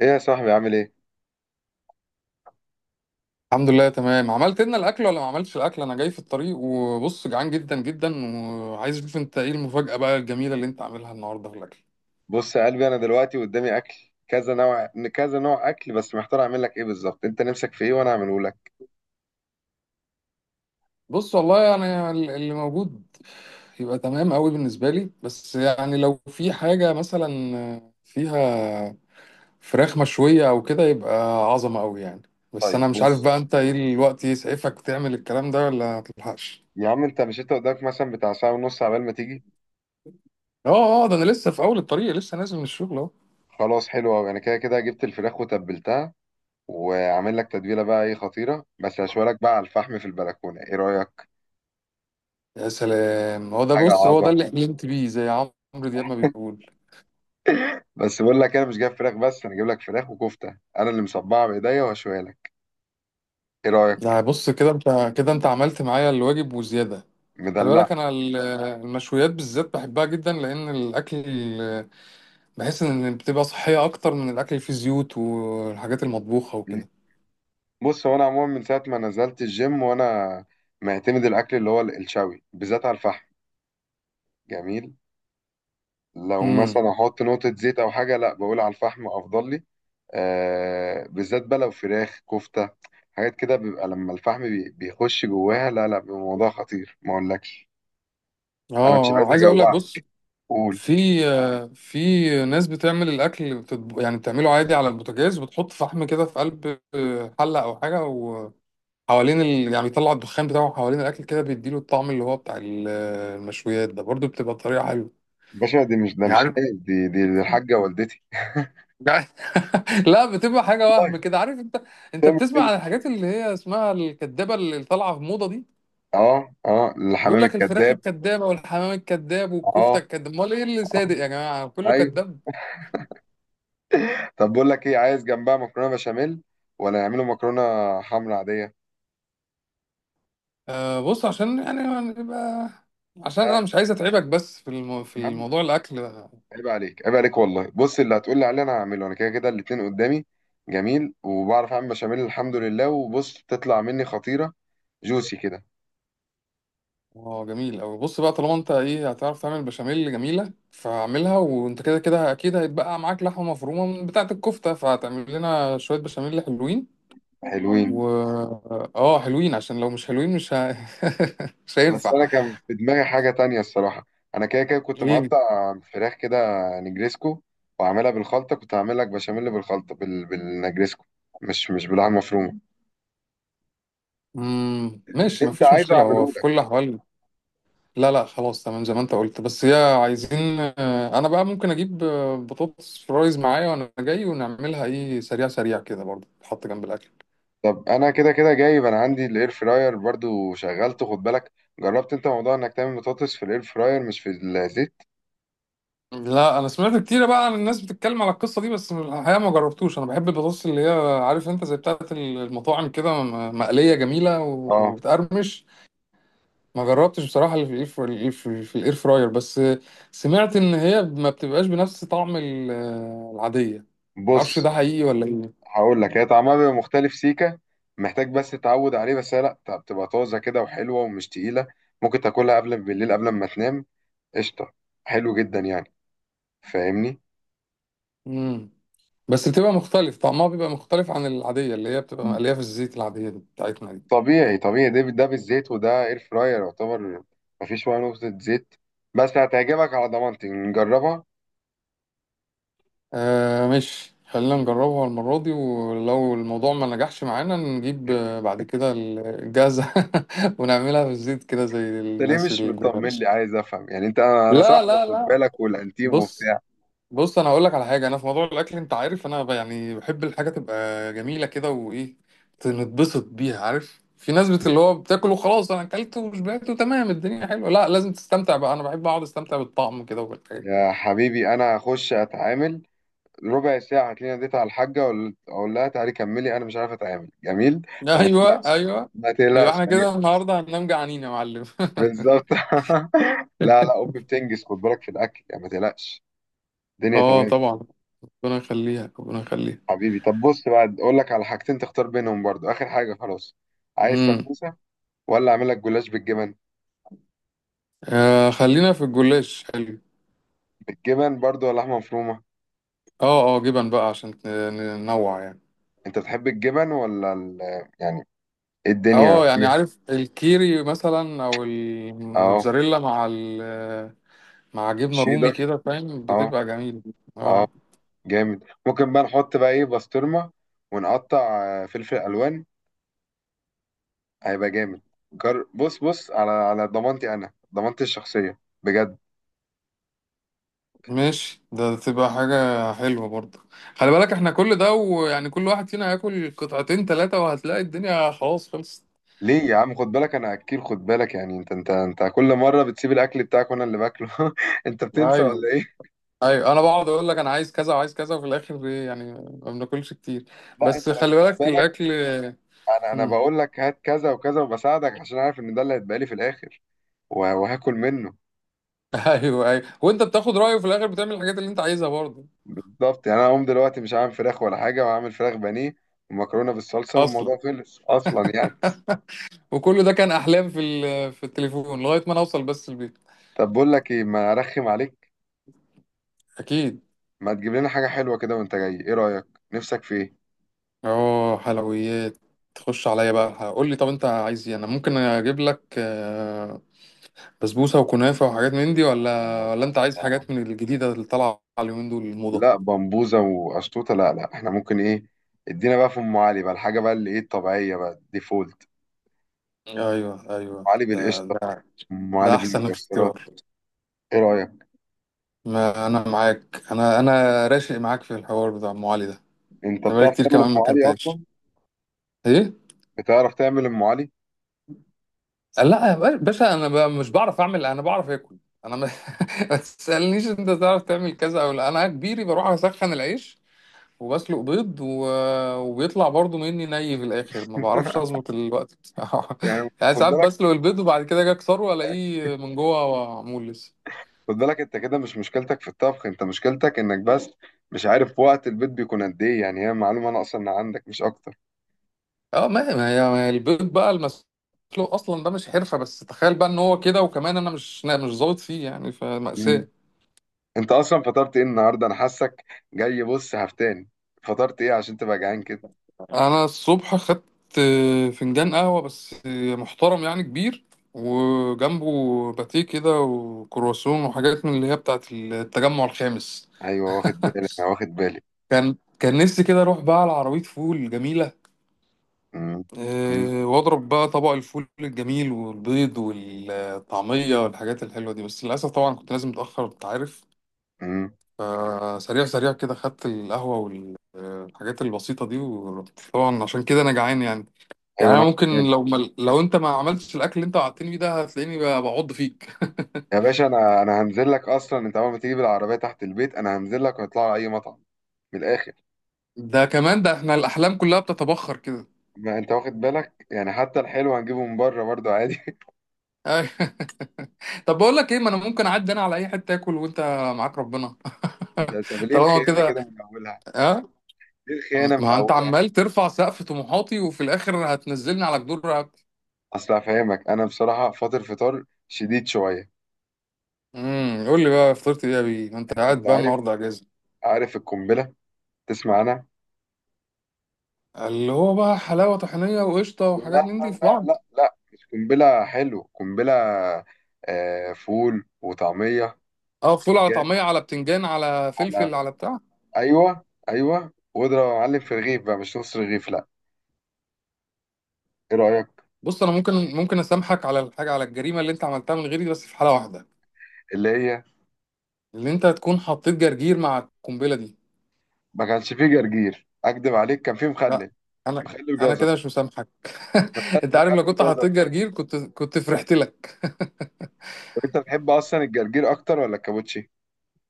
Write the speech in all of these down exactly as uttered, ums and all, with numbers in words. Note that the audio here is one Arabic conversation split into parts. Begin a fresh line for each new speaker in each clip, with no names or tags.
ايه يا صاحبي عامل ايه؟
الحمد لله، تمام. عملت لنا الاكل ولا ما عملتش الاكل؟ انا جاي في الطريق وبص، جعان جدا جدا وعايز اشوف انت ايه المفاجأة بقى الجميلة اللي انت عاملها النهارده في الاكل.
بص يا قلبي، انا دلوقتي قدامي اكل كذا نوع. كذا نوع اكل بس محتار اعمل لك ايه بالظبط. انت نفسك في ايه وانا اعمله لك؟
بص، والله انا ال- اللي موجود يبقى تمام قوي بالنسبة لي، بس يعني لو في حاجة مثلا فيها فراخ مشوية او كده يبقى عظمة قوي يعني. بس
طيب
انا مش عارف
بص
بقى انت ايه الوقت يسعفك تعمل الكلام ده ولا متلحقش.
يا عم، انت مش انت قدامك مثلا بتاع ساعه ونص عبال ما تيجي.
اه اه، ده انا لسه في اول الطريق، لسه نازل من الشغل.
خلاص، حلو قوي، انا كده كده جبت الفراخ وتبلتها وعامل لك تتبيله بقى ايه خطيره، بس هشوي لك بقى على الفحم في البلكونه. ايه رايك؟
يا سلام! هو ده،
حاجه
بص، هو ده
عظمه.
اللي حلمت بيه، زي عمرو دياب ما بيقول.
بس بقول لك إيه، انا مش جايب فراخ بس، انا جايب لك فراخ وكفته انا اللي مصبعه بايديا وهشويها لك. ايه رايك؟
يعني بص، كده انت، كده انت عملت معايا الواجب وزياده. خلي بالك،
مدلعك.
انا ال- المشويات بالذات بحبها جدا لان الاكل بحس ان بتبقى صحيه اكتر من الاكل اللي فيه زيوت والحاجات المطبوخه وكده.
بص هو انا عموما من ساعه ما نزلت الجيم وانا معتمد الاكل اللي هو الشوي بالذات على الفحم. جميل. لو
امم.
مثلا احط نقطه زيت او حاجه، لا، بقول على الفحم افضل لي. آه، بالذات بقى لو فراخ، كفته، حاجات كده بيبقى لما الفحم بي- بيخش جواها، لا لا بيبقى موضوع خطير ما اقولكش.
اه
انا مش عايز
آه، عايز اقول لك، بص،
اجوعك، قول.
في آه، في ناس بتعمل الاكل، بتطب... يعني بتعمله عادي على البوتاجاز وبتحط فحم كده في قلب، آه، حله او حاجه، حوالين ال... يعني بيطلع الدخان بتاعه حوالين الاكل كده، بيديله الطعم اللي هو بتاع ال- المشويات. ده برضو بتبقى طريقه حلوه،
باشا دي مش ده
يعني
مش
عارف.
لايق. دي دي, دي الحاجه والدتي.
لا، بتبقى حاجه وهم
طيب
كده، عارف انت. انت
تعمل
بتسمع
كده.
عن الحاجات اللي هي اسمها الكدابه اللي طالعه في موضه دي؟
اه اه،
يقول
الحمام
لك الفراخ
الكذاب.
الكدابه والحمام الكداب والكفته
اه،
الكداب. امال ايه اللي
اه،
صادق يا جماعه؟ كله
ايوه.
كداب.
طب بقول لك ايه، عايز جنبها مكرونه بشاميل، ولا نعمله مكرونه حمرا عاديه؟
آه، بص عشان يعني نبقى، عشان
ها
انا مش عايز اتعبك، بس في الم... في
يا عم،
الموضوع الاكل.
عيب عليك، عيب عليك والله. بص اللي هتقول لي عليه انا هعمله، انا كده كده الاتنين قدامي. جميل. وبعرف اعمل بشاميل الحمد لله، وبص تطلع مني خطيره، جوسي كده.
اه، جميل أوي. بص بقى، طالما انت ايه، هتعرف تعمل بشاميل جميلة فاعملها، وانت كده كده اكيد هيتبقى معاك لحمة مفرومة من بتاعة الكفتة، فهتعمل لنا شوية بشاميل حلوين. و
حلوين.
اه حلوين، عشان لو مش حلوين مش ه... مش
بس
هينفع.
انا كان في دماغي حاجه تانية الصراحه، انا كده كده كنت
ايه،
مقطع فراخ كده نجريسكو وعاملها بالخلطه. كنت هعمل لك بشاميل بالخلطه بال... بالنجريسكو، مش مش باللحمه مفرومه.
مم...
اللي
ماشي،
انت
مفيش
عايزه
مشكلة هو
اعمله.
في كل الأحوال. لا لا، خلاص تمام زي ما انت قلت. بس هي عايزين، آه، انا بقى ممكن اجيب، آه، بطاطس فرايز معايا وانا جاي، ونعملها ايه سريع سريع كده برضه، تحط جنب الاكل.
طب انا كده كده جايب، انا عندي الاير فراير برضو شغلته خد بالك. جربت انت موضوع انك تعمل بطاطس في الاير فراير مش في الزيت؟
لا، انا سمعت كتير بقى عن الناس بتتكلم على القصه دي، بس الحقيقه ما جربتوش. انا بحب البطاطس اللي هي، عارف انت، زي بتاعه المطاعم كده، م- مقليه جميله
اه.
وبتقرمش. ما جربتش بصراحه اللي في الاير في الإير- في الاير فراير بس. سمعت ان هي ما بتبقاش بنفس طعم ال- العاديه. ما اعرفش
بص
ده حقيقي ولا ايه.
هقول لك، هي طعمها بيبقى مختلف سيكه، محتاج بس تتعود عليه، بس هي لا، طب بتبقى طازه كده وحلوه ومش تقيله، ممكن تاكلها قبل بالليل قبل ما تنام. قشطه. حلو جدا يعني، فاهمني؟
امم بس بتبقى مختلف، طعمها بيبقى مختلف عن العاديه اللي هي بتبقى
م.
مقليه في الزيت، العاديه دي بتاعتنا دي.
طبيعي طبيعي. ده ده بالزيت، وده اير فراير يعتبر، مفيش ولا نقطه زيت، بس هتعجبك على ضمانتي، نجربها.
آه، ماشي. خلينا نجربها المرة دي، ولو الموضوع ما نجحش معانا نجيب، آه، بعد كده الجازة، ونعملها في الزيت كده زي
انت ليه
الناس
مش
اللي
مطمن
بتعمل.
لي؟ عايز افهم يعني. انت انا أنا
لا
صاحبك
لا
خد
لا،
بالك والانتيم
بص
وبتاع.
بص، انا هقول لك على حاجة. انا في موضوع الاكل، انت عارف، انا ب- يعني بحب الحاجة تبقى جميلة كده وايه، نتبسط بيها. عارف في ناس، بت اللي هو بتاكل وخلاص، انا اكلت وشبعت وتمام، الدنيا حلوه. لا، لازم تستمتع بقى. انا بحب اقعد استمتع بالطعم كده وبالحاجة.
يا حبيبي، انا هخش اتعامل ربع ساعه، هتلاقيني ناديت على الحاجه وال- اقول لها تعالي كملي، انا مش عارف اتعامل جميل، فما
ايوه،
تقلقش،
ايوه.
ما
يبقى
تقلقش
احنا
يعني.
كده النهارده هننام جعانين يا معلم.
بالظبط. لا لا، امي بتنجز خد بالك في الاكل، يعني ما تقلقش، الدنيا
اه
تمام.
طبعا. ربنا يخليها، ربنا يخليها.
حبيبي طب بص بقى، اقول لك على حاجتين تختار بينهم برضو، اخر حاجه خلاص. عايز
امم
سموسه ولا اعمل لك جلاش بالجبن؟
آه خلينا في الجلاش، حلو.
بالجبن برضو، ولا لحمه مفرومه؟
اه اه، جبن بقى عشان ن- ننوع يعني.
انت بتحب الجبن ولا ال...؟ يعني الدنيا
اه، يعني
فيها.
عارف، الكيري مثلا او
اهو،
الموتزاريلا مع ال مع جبنه رومي
شيدر،
كده، فاهم،
اهو،
بتبقى جميله.
اهو.
اه
جامد. ممكن بقى نحط بقى ايه، بسطرمة ونقطع آه، فلفل الوان، هيبقى جامد. جر... بص، بص على على ضمانتي، انا ضمانتي الشخصية بجد.
ماشي، ده تبقى حاجه حلوه برضه. خلي بالك، احنا كل ده ويعني كل واحد فينا هياكل قطعتين ثلاثه وهتلاقي الدنيا خلاص خلصت.
ليه يا عم، خد بالك انا اكيل، خد بالك يعني. انت انت انت كل مرة بتسيب الاكل بتاعك وانا اللي باكله. انت بتنسى ولا
ايوه،
ايه؟
ايوه، انا بقعد اقول لك انا عايز كذا وعايز كذا، وفي الاخر إيه يعني؟ ما بناكلش كتير.
لا
بس
انت لو خد
خلي بالك
بالك.
الاكل.
انا انا
مم.
بقول لك هات كذا وكذا وبساعدك، عشان عارف ان ده اللي هيتبقى لي في الاخر، وه- وهاكل منه.
ايوه، ايوه، وانت بتاخد رايه وفي الاخر بتعمل الحاجات اللي انت عايزها برضه.
بالظبط يعني. انا اقوم دلوقتي مش عامل فراخ ولا حاجه، وعامل فراخ بانيه ومكرونه بالصلصه،
اصلا.
والموضوع خلص اصلا يعني.
وكل ده كان احلام في ال- في التليفون لغايه ما انا اوصل بس البيت.
طب بقول لك ايه، ما ارخم عليك،
اكيد.
ما تجيب لنا حاجه حلوه كده وانت جاي؟ ايه رايك؟ نفسك في ايه؟
اه، حلويات. تخش عليا بقى، قول لي طب انت عايز ايه؟ انا ممكن اجيب لك، آه، بسبوسه وكنافه وحاجات من دي، ولا
آه،
ولا انت عايز
آه.
حاجات من الجديده اللي طالعه اليومين دول الموضه؟
لا بمبوزه وقشطوطه، لا لا احنا ممكن ايه، ادينا بقى في ام علي بقى، الحاجه بقى اللي ايه الطبيعيه بقى الديفولت.
ايوه،
ام
ايوه،
علي
ده
بالقشطه،
ده.
ام علي
ده احسن
بالمكسرات.
اختيار.
ايه رايك؟
ما انا معاك. انا انا راشق معاك في الحوار بتاع ام علي ده.
انت
انا بقالي
بتعرف
كتير
تعمل
كمان
ام
ما
علي اصلا؟
اكلتهاش. ايه؟
بتعرف تعمل ام علي؟
لا يا باشا، انا بقى مش بعرف اعمل، انا بعرف اكل. انا ما... ما تسالنيش انت تعرف تعمل كذا او لا. انا كبيري بروح اسخن العيش وبسلق بيض و... وبيطلع برضو مني ني، في الاخر ما بعرفش اظبط الوقت بتاعه.
يعني
يعني
خد
ساعات
بالك،
بسلق البيض وبعد كده اجي اكسره الاقيه من جوه معمول لسه.
خد بالك، انت كده مش مشكلتك في الطبخ، انت مشكلتك انك بس مش عارف وقت البيت بيكون قد ايه يعني، هي معلومة ناقصة ان عندك مش اكتر.
اه، ما هي ما هي ما هي البيض بقى المسلوق اصلا ده مش حرفه، بس تخيل بقى ان هو كده، وكمان انا مش أنا مش ظابط فيه يعني،
مم.
فمأساة.
انت اصلا فطرت ايه النهاردة؟ انا حاسك جاي بص هفتان، فطرت ايه عشان تبقى جعان كده؟
انا الصبح خدت، آه، فنجان قهوه بس، آه، محترم يعني كبير، وجنبه باتيه كده وكرواسون وحاجات من اللي هي بتاعت التجمع الخامس.
ايوه، واخد بالي، انا واخد بالي.
كان كان نفسي كده اروح بقى على عربيه فول جميله،
مم. مم.
آه، واضرب بقى طبق الفول الجميل والبيض والطعميه والحاجات الحلوه دي، بس للاسف طبعا كنت لازم متاخر، انت عارف.
مم.
فسريع سريع كده خدت القهوة والحاجات البسيطة دي ورحت، طبعا عشان كده أنا جعان يعني.
ايوه،
يعني
انا
أنا
واخد
ممكن،
بالي.
لو ما لو أنت ما عملتش الأكل اللي أنت وعدتني بيه ده، هتلاقيني ب- بعض فيك.
يا باشا، انا انا هنزل لك اصلا، انت اول ما تيجي بالعربية تحت البيت انا هنزل لك ونطلع على اي مطعم، من الاخر.
ده كمان، ده إحنا الأحلام كلها بتتبخر كده.
ما انت واخد بالك يعني، حتى الحلو هنجيبه من بره برضه عادي.
أيوة. طب بقول لك إيه، ما أنا ممكن أعدي أنا على أي حتة آكل، وأنت معاك ربنا.
انت انت ليه
طالما
الخيانة
كده،
كده من اولها؟
ها،
دي الخيانة من
ما أنت
أولها.
عمال ترفع سقف طموحاتي وفي الآخر هتنزلني على جدور رقبتي.
أصل هفهمك، أنا بصراحة فاطر فطار شديد شوية.
امم قول لي بقى فطرت إيه يا بيه؟ ما أنت
أنت
قاعد
أنت
بقى
عارف،
النهاردة أجازة.
عارف القنبلة؟ تسمع؟ أنا
اللي هو بقى حلاوة طحينية وقشطة
لا
وحاجات من دي
لا
في
لا
بعض؟
لا لا، مش قنبلة حلو، قنبلة آه، فول وطعمية
اه، فول على
وبتنجان.
طعمية على بتنجان على
على
فلفل على بتاع.
أيوه أيوه، واضرب يا معلم في رغيف بقى، مش نص رغيف، لا. إيه رأيك؟
بص، انا ممكن ممكن اسامحك على الحاجة، على الجريمة اللي انت عملتها من غيري، بس في حالة واحدة.
اللي هي،
اللي انت تكون حطيت جرجير مع القنبلة دي.
ما كانش فيه جرجير أكدب عليك، كان فيه
لا،
مخلل،
انا
مخلل
انا
جزر.
كده مش مسامحك.
مخلل
انت عارف، لو
مخلل
كنت
جزر
حطيت
طيب.
جرجير كنت كنت فرحت لك.
طب أنت بتحب أصلا الجرجير أكتر ولا الكابوتشي؟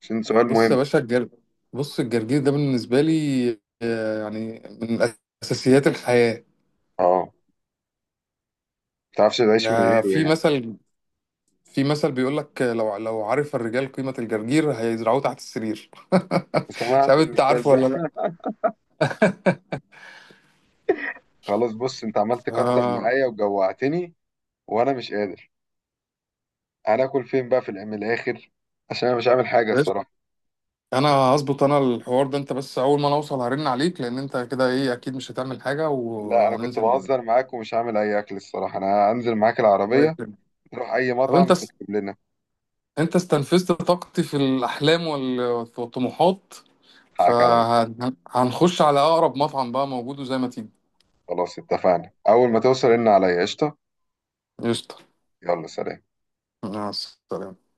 عشان سؤال
بص يا
مهم.
باشا، الجر بص، الجرجير ده بالنسبة لي، آه، يعني من اساسيات الحياة.
اه، متعرفش تعيش من
آه،
غيره
في
يعني.
مثل في مثل بيقول لك، لو لو عرف الرجال قيمة الجرجير هيزرعوه تحت السرير. مش
سمعت
عارف انت
المثال
عارفه ولا
ده.
لا.
خلاص بص، انت عملت تكتر
آه،
معايا وجوعتني، وانا مش قادر، انا اكل فين بقى، في الع- من الاخر، عشان انا مش عامل حاجه
قشطة.
الصراحه.
انا هظبط انا الحوار ده، انت بس اول ما انا اوصل هرن عليك، لان انت كده ايه اكيد مش هتعمل حاجة،
لا انا كنت
وهننزل مع بعض.
بهزر معاك ومش هعمل اي اكل الصراحه، انا هنزل معاك
الله
العربيه
يكرمك.
نروح اي
طب
مطعم
انت س...
تطلب لنا.
انت استنفذت طاقتي في الاحلام وال- والطموحات،
حقك عليا.
فهنخش على اقرب مطعم بقى موجود وزي ما تيجي.
خلاص اتفقنا، اول ما توصل ان عليا قشطه.
قشطة.
يلا سلام.
مع السلامة.